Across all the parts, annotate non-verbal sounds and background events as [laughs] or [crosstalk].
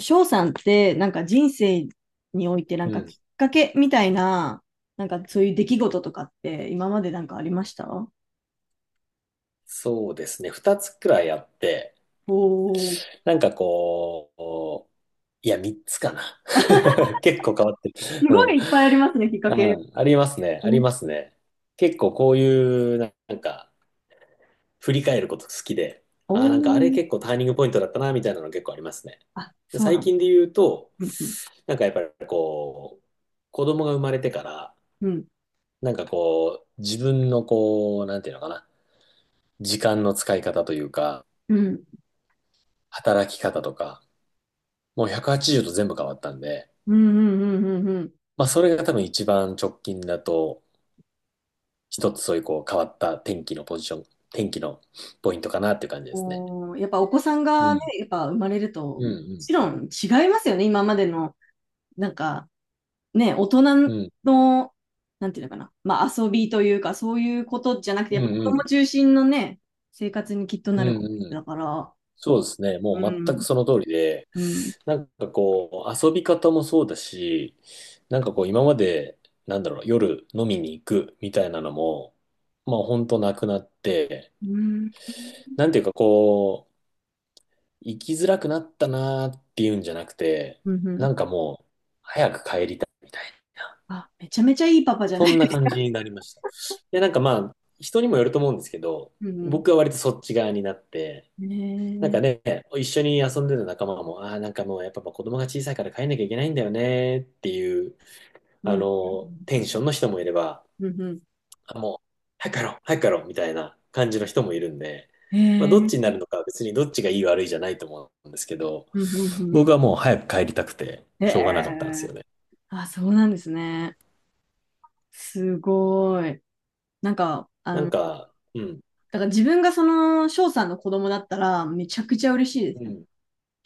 翔さんって、なんか人生において、なんうかきん。っかけみたいな、なんかそういう出来事とかって、今までなんかありました？そうですね。二つくらいあって、おー、なんかこう、三つかな。[laughs] 結構変わってる。すごいいっうぱいありますね、きっかん。け。うありますね。あうりん。ますね。結構こういう、なんか、振り返ること好きで、おあれー、結構ターニングポイントだったな、みたいなの結構ありますね。あ、でそう最なの。近で言うと、うん、やっぱりこう、子供が生まれてから、うん、自分のこう、なんていうのかな、時間の使い方というか、うん、働き方とか、もう180度全部変わったんで、うん、うん、うん、うん、うん。まあそれが多分一番直近だと、一つそういうこう変わった天気のポジション、天気のポイントかなっていう感じですね。おー、やっぱお子さんうがね、ん。やっぱ生まれると、うもんちろん違いますよね、今までの、なんか、ね、大人うん。うん。の、なんていうのかな、まあ遊びというか、そういうことじゃなくて、うやっぱ子んう供ん。中心のね、生活にきっとうなるわんうけん。だから、そうですね。うもう全くん、その通りで、うん、遊び方もそうだし、なんかこう、今まで、なんだろう、夜飲みに行くみたいなのも、まあ本当なくなって、うん、なんていうかこう、生きづらくなったなーっていうんじゃなくて、うん、うん。なんかもう、みたいな。あ、めちゃめちゃいいパパじゃなそいんなです感じか。になりました。で、なんかまあ、人にもよると思うんですけど、うん、僕は割とそっち側になって、うん。なんねかね、え、一緒に遊んでた仲間も、ああ、なんかもうやっぱまあ子供が小さいから帰んなきゃいけないんだよねっていう、うあん、うん、の、テンションの人もいれば、うん、うん。うん。あ、もう、早く帰ろう、早く帰ろう、みたいな感じの人もいるんで、へまあ、え、どっちになうるのかは別にどっちがいい悪いじゃないと思うんですけど、ん、うん、うん。僕はもう早く帰りたくて、へしょうがなかったんですえ、よね。あ、そうなんですね。すごい。なんか、あなんの、か、うん、だから自分がその翔さんの子供だったら、めちゃくちゃ嬉しいですうよね。 ん。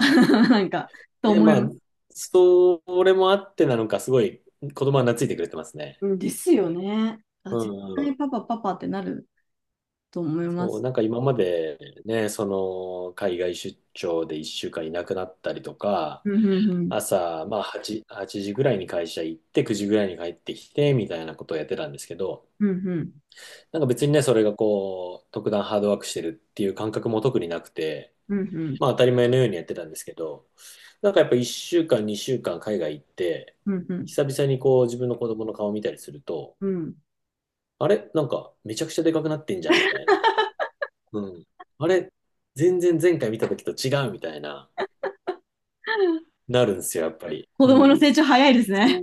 [laughs] なんか、とで、思いままあ、す。それもあってなのか、すごい子供は懐いてくれてますね。うんですよね。あ、う絶対パんパパパってなると思いまそう、す。なんか今までね、その海外出張で1週間いなくなったりとか、うんうんうん。朝、まあ8時ぐらいに会社行って、9時ぐらいに帰ってきて、みたいなことをやってたんですけど、うんうん。なんか別にね、それがこう、特段ハードワークしてるっていう感覚も特になくて、うんうん。まあ当たり前のようにやってたんですけど、なんかやっぱ1週間、2週間海外行って、うんう久々にこう自分の子供の顔見たりすると、ん。うん。 あれなんかめちゃくちゃでかくなってんじゃんみたいな。うん。あれ、全然前回見た時と違うみたいな、[laughs] なるんですよ、やっぱり。子う供のん。成長早いですね。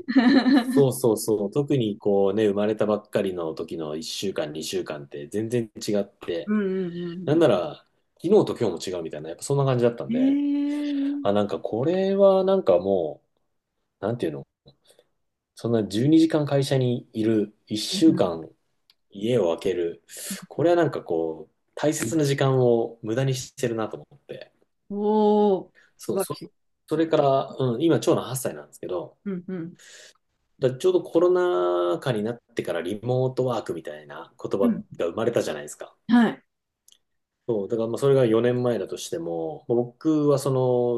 そ [laughs] うそうそうそう。特にこうね、生まれたばっかりの時の1週間、2週間って全然違っうて、んうんうなんんなら、昨日と今日も違うみたいな、やっぱそんな感じだったんうん。で、へえ。うあ、なんかこれはなんかもう、なんていうの、そんな12時間会社にいる、ん1う週ん間家を空ける、うこん。れはなんかこう、大切な時間を無駄にしてるなと思って。おお、素そう、晴らそ、しい。それから、うん、今、長男8歳なんですけど、うんうん。だちょうどコロナ禍になってからリモートワークみたいな言う葉ん。が生まれたじゃないですか。はい。そう、だからまあそれが4年前だとしても、まあ僕はそ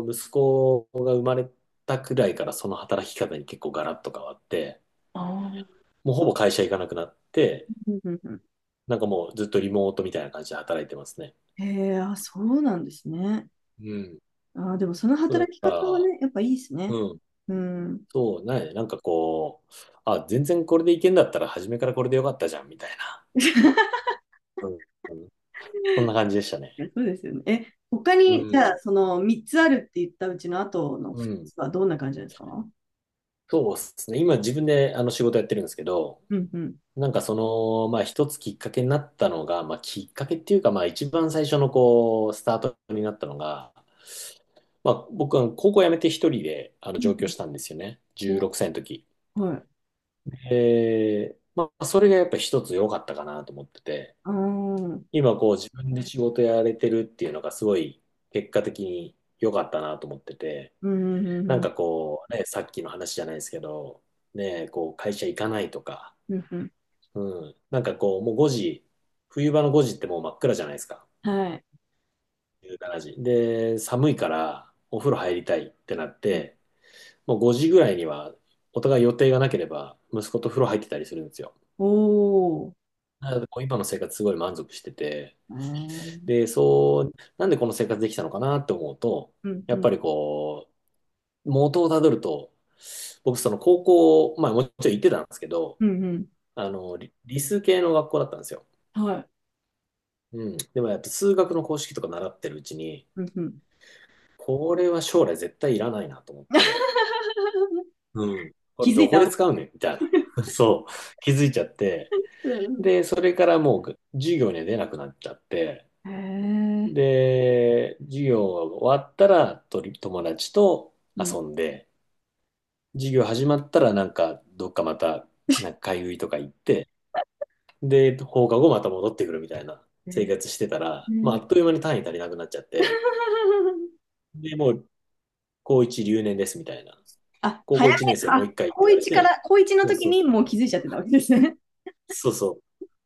の息子が生まれたくらいからその働き方に結構ガラッと変わって、ああ。もうほぼ会社行かなくなって、うんうんうん。なんかもうずっとリモートみたいな感じで働いてますね。へえ、あ、そうなんですね。うん。ああ、でもそのそう働きだ方はかね、やっぱいいですら、ね。うん。うん。そう、ないなんかこう、あ、全然これでいけんだったら初めからこれでよかったじゃんみたいな。[laughs] うんうん。そんな感じでしたね。ね、そうですよね。え、他うに、じゃあ、ん。その3つあるって言ったうちの後のう2ん。つはどんな感じなんですか？そうですね。今自分であの仕事やってるんですけど、うんうん。なんかその、まあ一つきっかけになったのが、まあきっかけっていうか、まあ一番最初のこう、スタートになったのが、まあ僕は高校辞めて一人であのう上ん。京したんですよね。16お、歳の時。はい。え、まあそれがやっぱ一つ良かったかなと思ってて、ああ。今こう自分で仕事やれてるっていうのがすごい結果的に良かったなと思ってて、うんうんなうんんかこう、ね、さっきの話じゃないですけど、ね、こう会社行かないとか、うんうんうん。うん、なんかこう、もう5時、冬場の5時ってもう真っ暗じゃないですか、はい。1時。で、寒いからお風呂入りたいってなって、もう5時ぐらいにはお互い予定がなければ、息子と風呂入ってたりするんですよ。おお。なので、こう今の生活すごい満足してて、えー。で、そう、なんでこの生活できたのかなって思うと、うんやうっんぱりこ元をたどると、僕その校、まあもちろん行ってたんですけど、うんうん。あの、理数系の学校だったんですよ。はい。うん。でもやっぱ数学の公式とか習ってるうちに、うんうん。これは将来絶対いらないなと思って、[laughs] うん。こ気れづどいこたでわ。使うねんみたいな。[laughs] そう。気づいちゃって。うん。で、それからもう授業には出なくなっちゃって、へえ。で、授業が終わったらとり友達とうん。遊んで、授業始まったらなんかどっかまたなんか買い食いとか行って、で、放課後また戻ってくるみたいなへ生ー。活してたら、まあ、あっという間に単位足りなくなっちゃって、で、もう、高1留年ですみたいな。あ、高早校1年め、生もうあ、一回って高言われ一かて、ら、高一のそう時そうにそもう気う。づいちゃってたわけですね。そうそ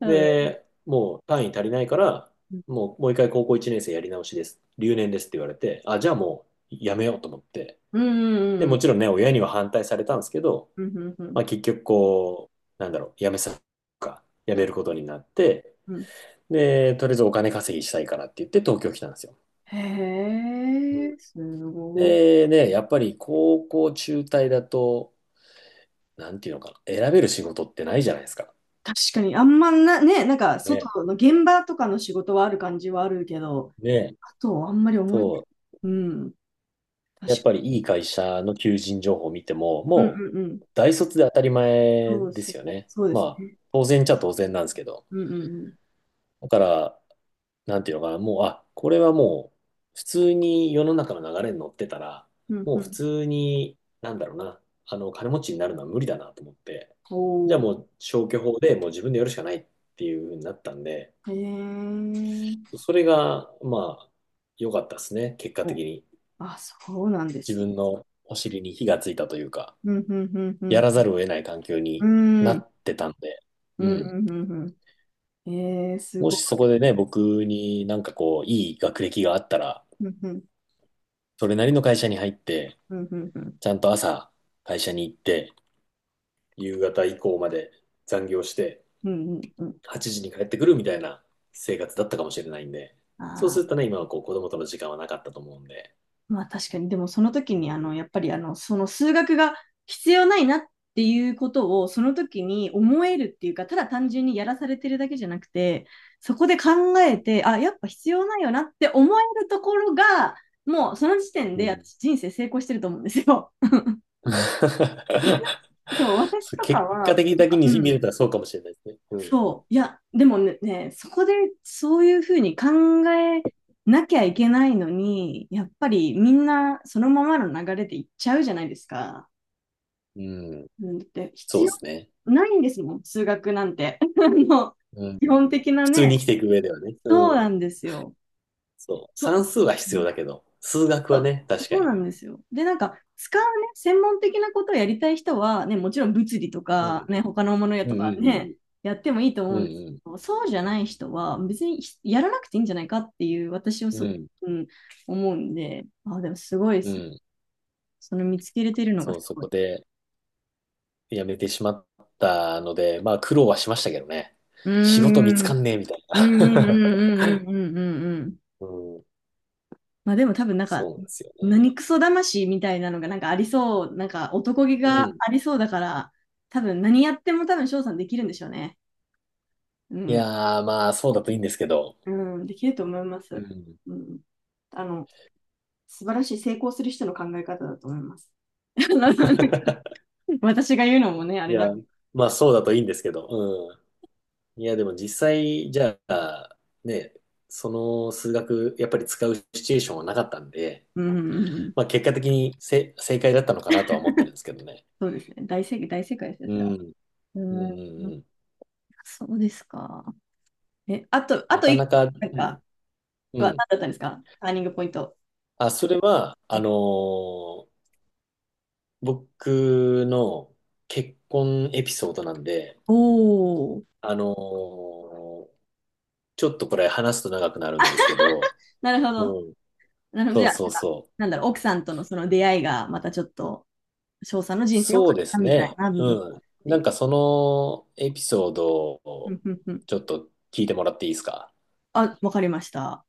[laughs] うう。ん。で、もう単位足りないから、もう、もう一回高校1年生やり直しです。留年ですって言われて、あ、じゃあもうやめようと思って。うんうで、んうもん。ちろんね、親には反対されたんですけど、うんうんうん。まあ結局こう、なんだろう、やうんめることになって、うん。で、とりあえずお金稼ぎしたいからって言って東京来たんですよ。へうんえ、すごい。でね、やっぱり高校中退だと、なんていうのかな、選べる仕事ってないじゃないですか。確かに、あんまな、ね、なんか、ね、外の現場とかの仕事はある感じはあるけど、ね、あと、あんまり思い、そう。うん、や確っかぱりいい会社の求人情報を見ても、に。うんもうんうん。う大卒で当たり前そうでそう、すよね。そうですまあ、ね。当然っちゃ当然なんですけど。うんうんだから、なんていうのかな、もう、あ、これはもう、普通に世の中の流れに乗ってたら、うん。うんもうう普ん。通に、なんだろうな、あの、金持ちになるのは無理だなと思って、じゃおあー、もう消去法でもう自分でやるしかないっていう風になったんで、へえ。それが、まあ、良かったですね、結果的お、に。あ、そうなんで自すね。分のお尻に火がついたというか、うんうんうんうやらざん。るを得ない環境うにん、なうんってたんで、ううんん。うんうん。えー、すもごしそこい。でね、僕になんかこう、いい学歴があったら、うんうんそれなりの会社に入って、うんうんうん。ちゃんと朝会社に行って、夕方以降まで残業して、うんうんうん。8時に帰ってくるみたいな生活だったかもしれないんで、そうするあ、とね、今はこう子供との時間はなかったと思うんで、まあ確かに、でもその時うにあん。の、やっぱりあの、その数学が必要ないなっていうことをその時に思えるっていうか、ただ単純にやらされてるだけじゃなくて、そこで考えて、あ、やっぱ必要ないよなって思えるところが、もうその時点うでん。私人生成功してると思うんですよ。[laughs] [laughs] そう、私そうとか結果は、的なんだけかにう見ん、れたらそうかもしれないですね。うん。そう。いや、でもね、ね、そこでそういうふうに考えなきゃいけないのに、やっぱりみんなそのままの流れで行っちゃうじゃないですか。うん。うん、だって必そう要ですね。ないんですもん、数学なんて。[laughs] もううん。基本的な普通にね。生きていく上ではね。そううん。なんですよ。そう。そ算数は必要うだけど、数学そはう、ね、確かそうに。なんですよ。で、なんか、使うね、専門的なことをやりたい人は、ね、もちろん物理とうか、ん。ね、他のものやうとかんね、やってもいいと思ううんんうですん。うんけど、そうじゃない人は、別にひやらなくていいんじゃないかっていう、私はうん。そ、うん。うん、思うんで、あ、でもすごいでうすね。ん。その見つけれてるのがそう、すそごい。こで辞めてしまったので、まあ苦労はしましたけどね。うー仕事見つん、うかん、んねえみたいうん、うな。ん、うん、うん、うん、うん、うん。[laughs] うん。まあでも多分なんそか、うなんですよね。何クソ魂みたいなのがなんかありそう、なんか男気うがん。ありそうだから、多分何やっても多分翔さんできるんでしょうね。ういん。やー、まあそうだといいんですけど。うん、できると思いまうす。ん。うん。あの、素晴らしい成功する人の考え方だと思います。[laughs] あの、 [laughs] 私が言うのもね、あいれな。や、まあそうだといいんですけど。うん。いや、でも実際、じゃあ、ね、その数学、やっぱり使うシチュエーションはなかったんで、うんうん。まあ結果的に正解だったのかなとは思ってるんですけどね。そうですね。大正解、大正解ですよ、うそれは。ん。うんううんん。うん。そうですか。え、あと、あなとかな一個、か、なんうん。か、うは何ん。だったんですか、ターニングポイント。あ、それは、あのー僕の結婚エピソードなんで、おお。あのーちょっとこれ話すと長くなるんですけど、なるほど。うん。なので、そじうゃあ、なそんうか、そう。なんだろう、奥さんとのその出会いが、またちょっと、翔さんの人生を変えそうでたすみたいね。な部分がうあん。るってないんう。かそのエピソードうをんうんうん。ちょっと聞いてもらっていいですかあ、わかりました。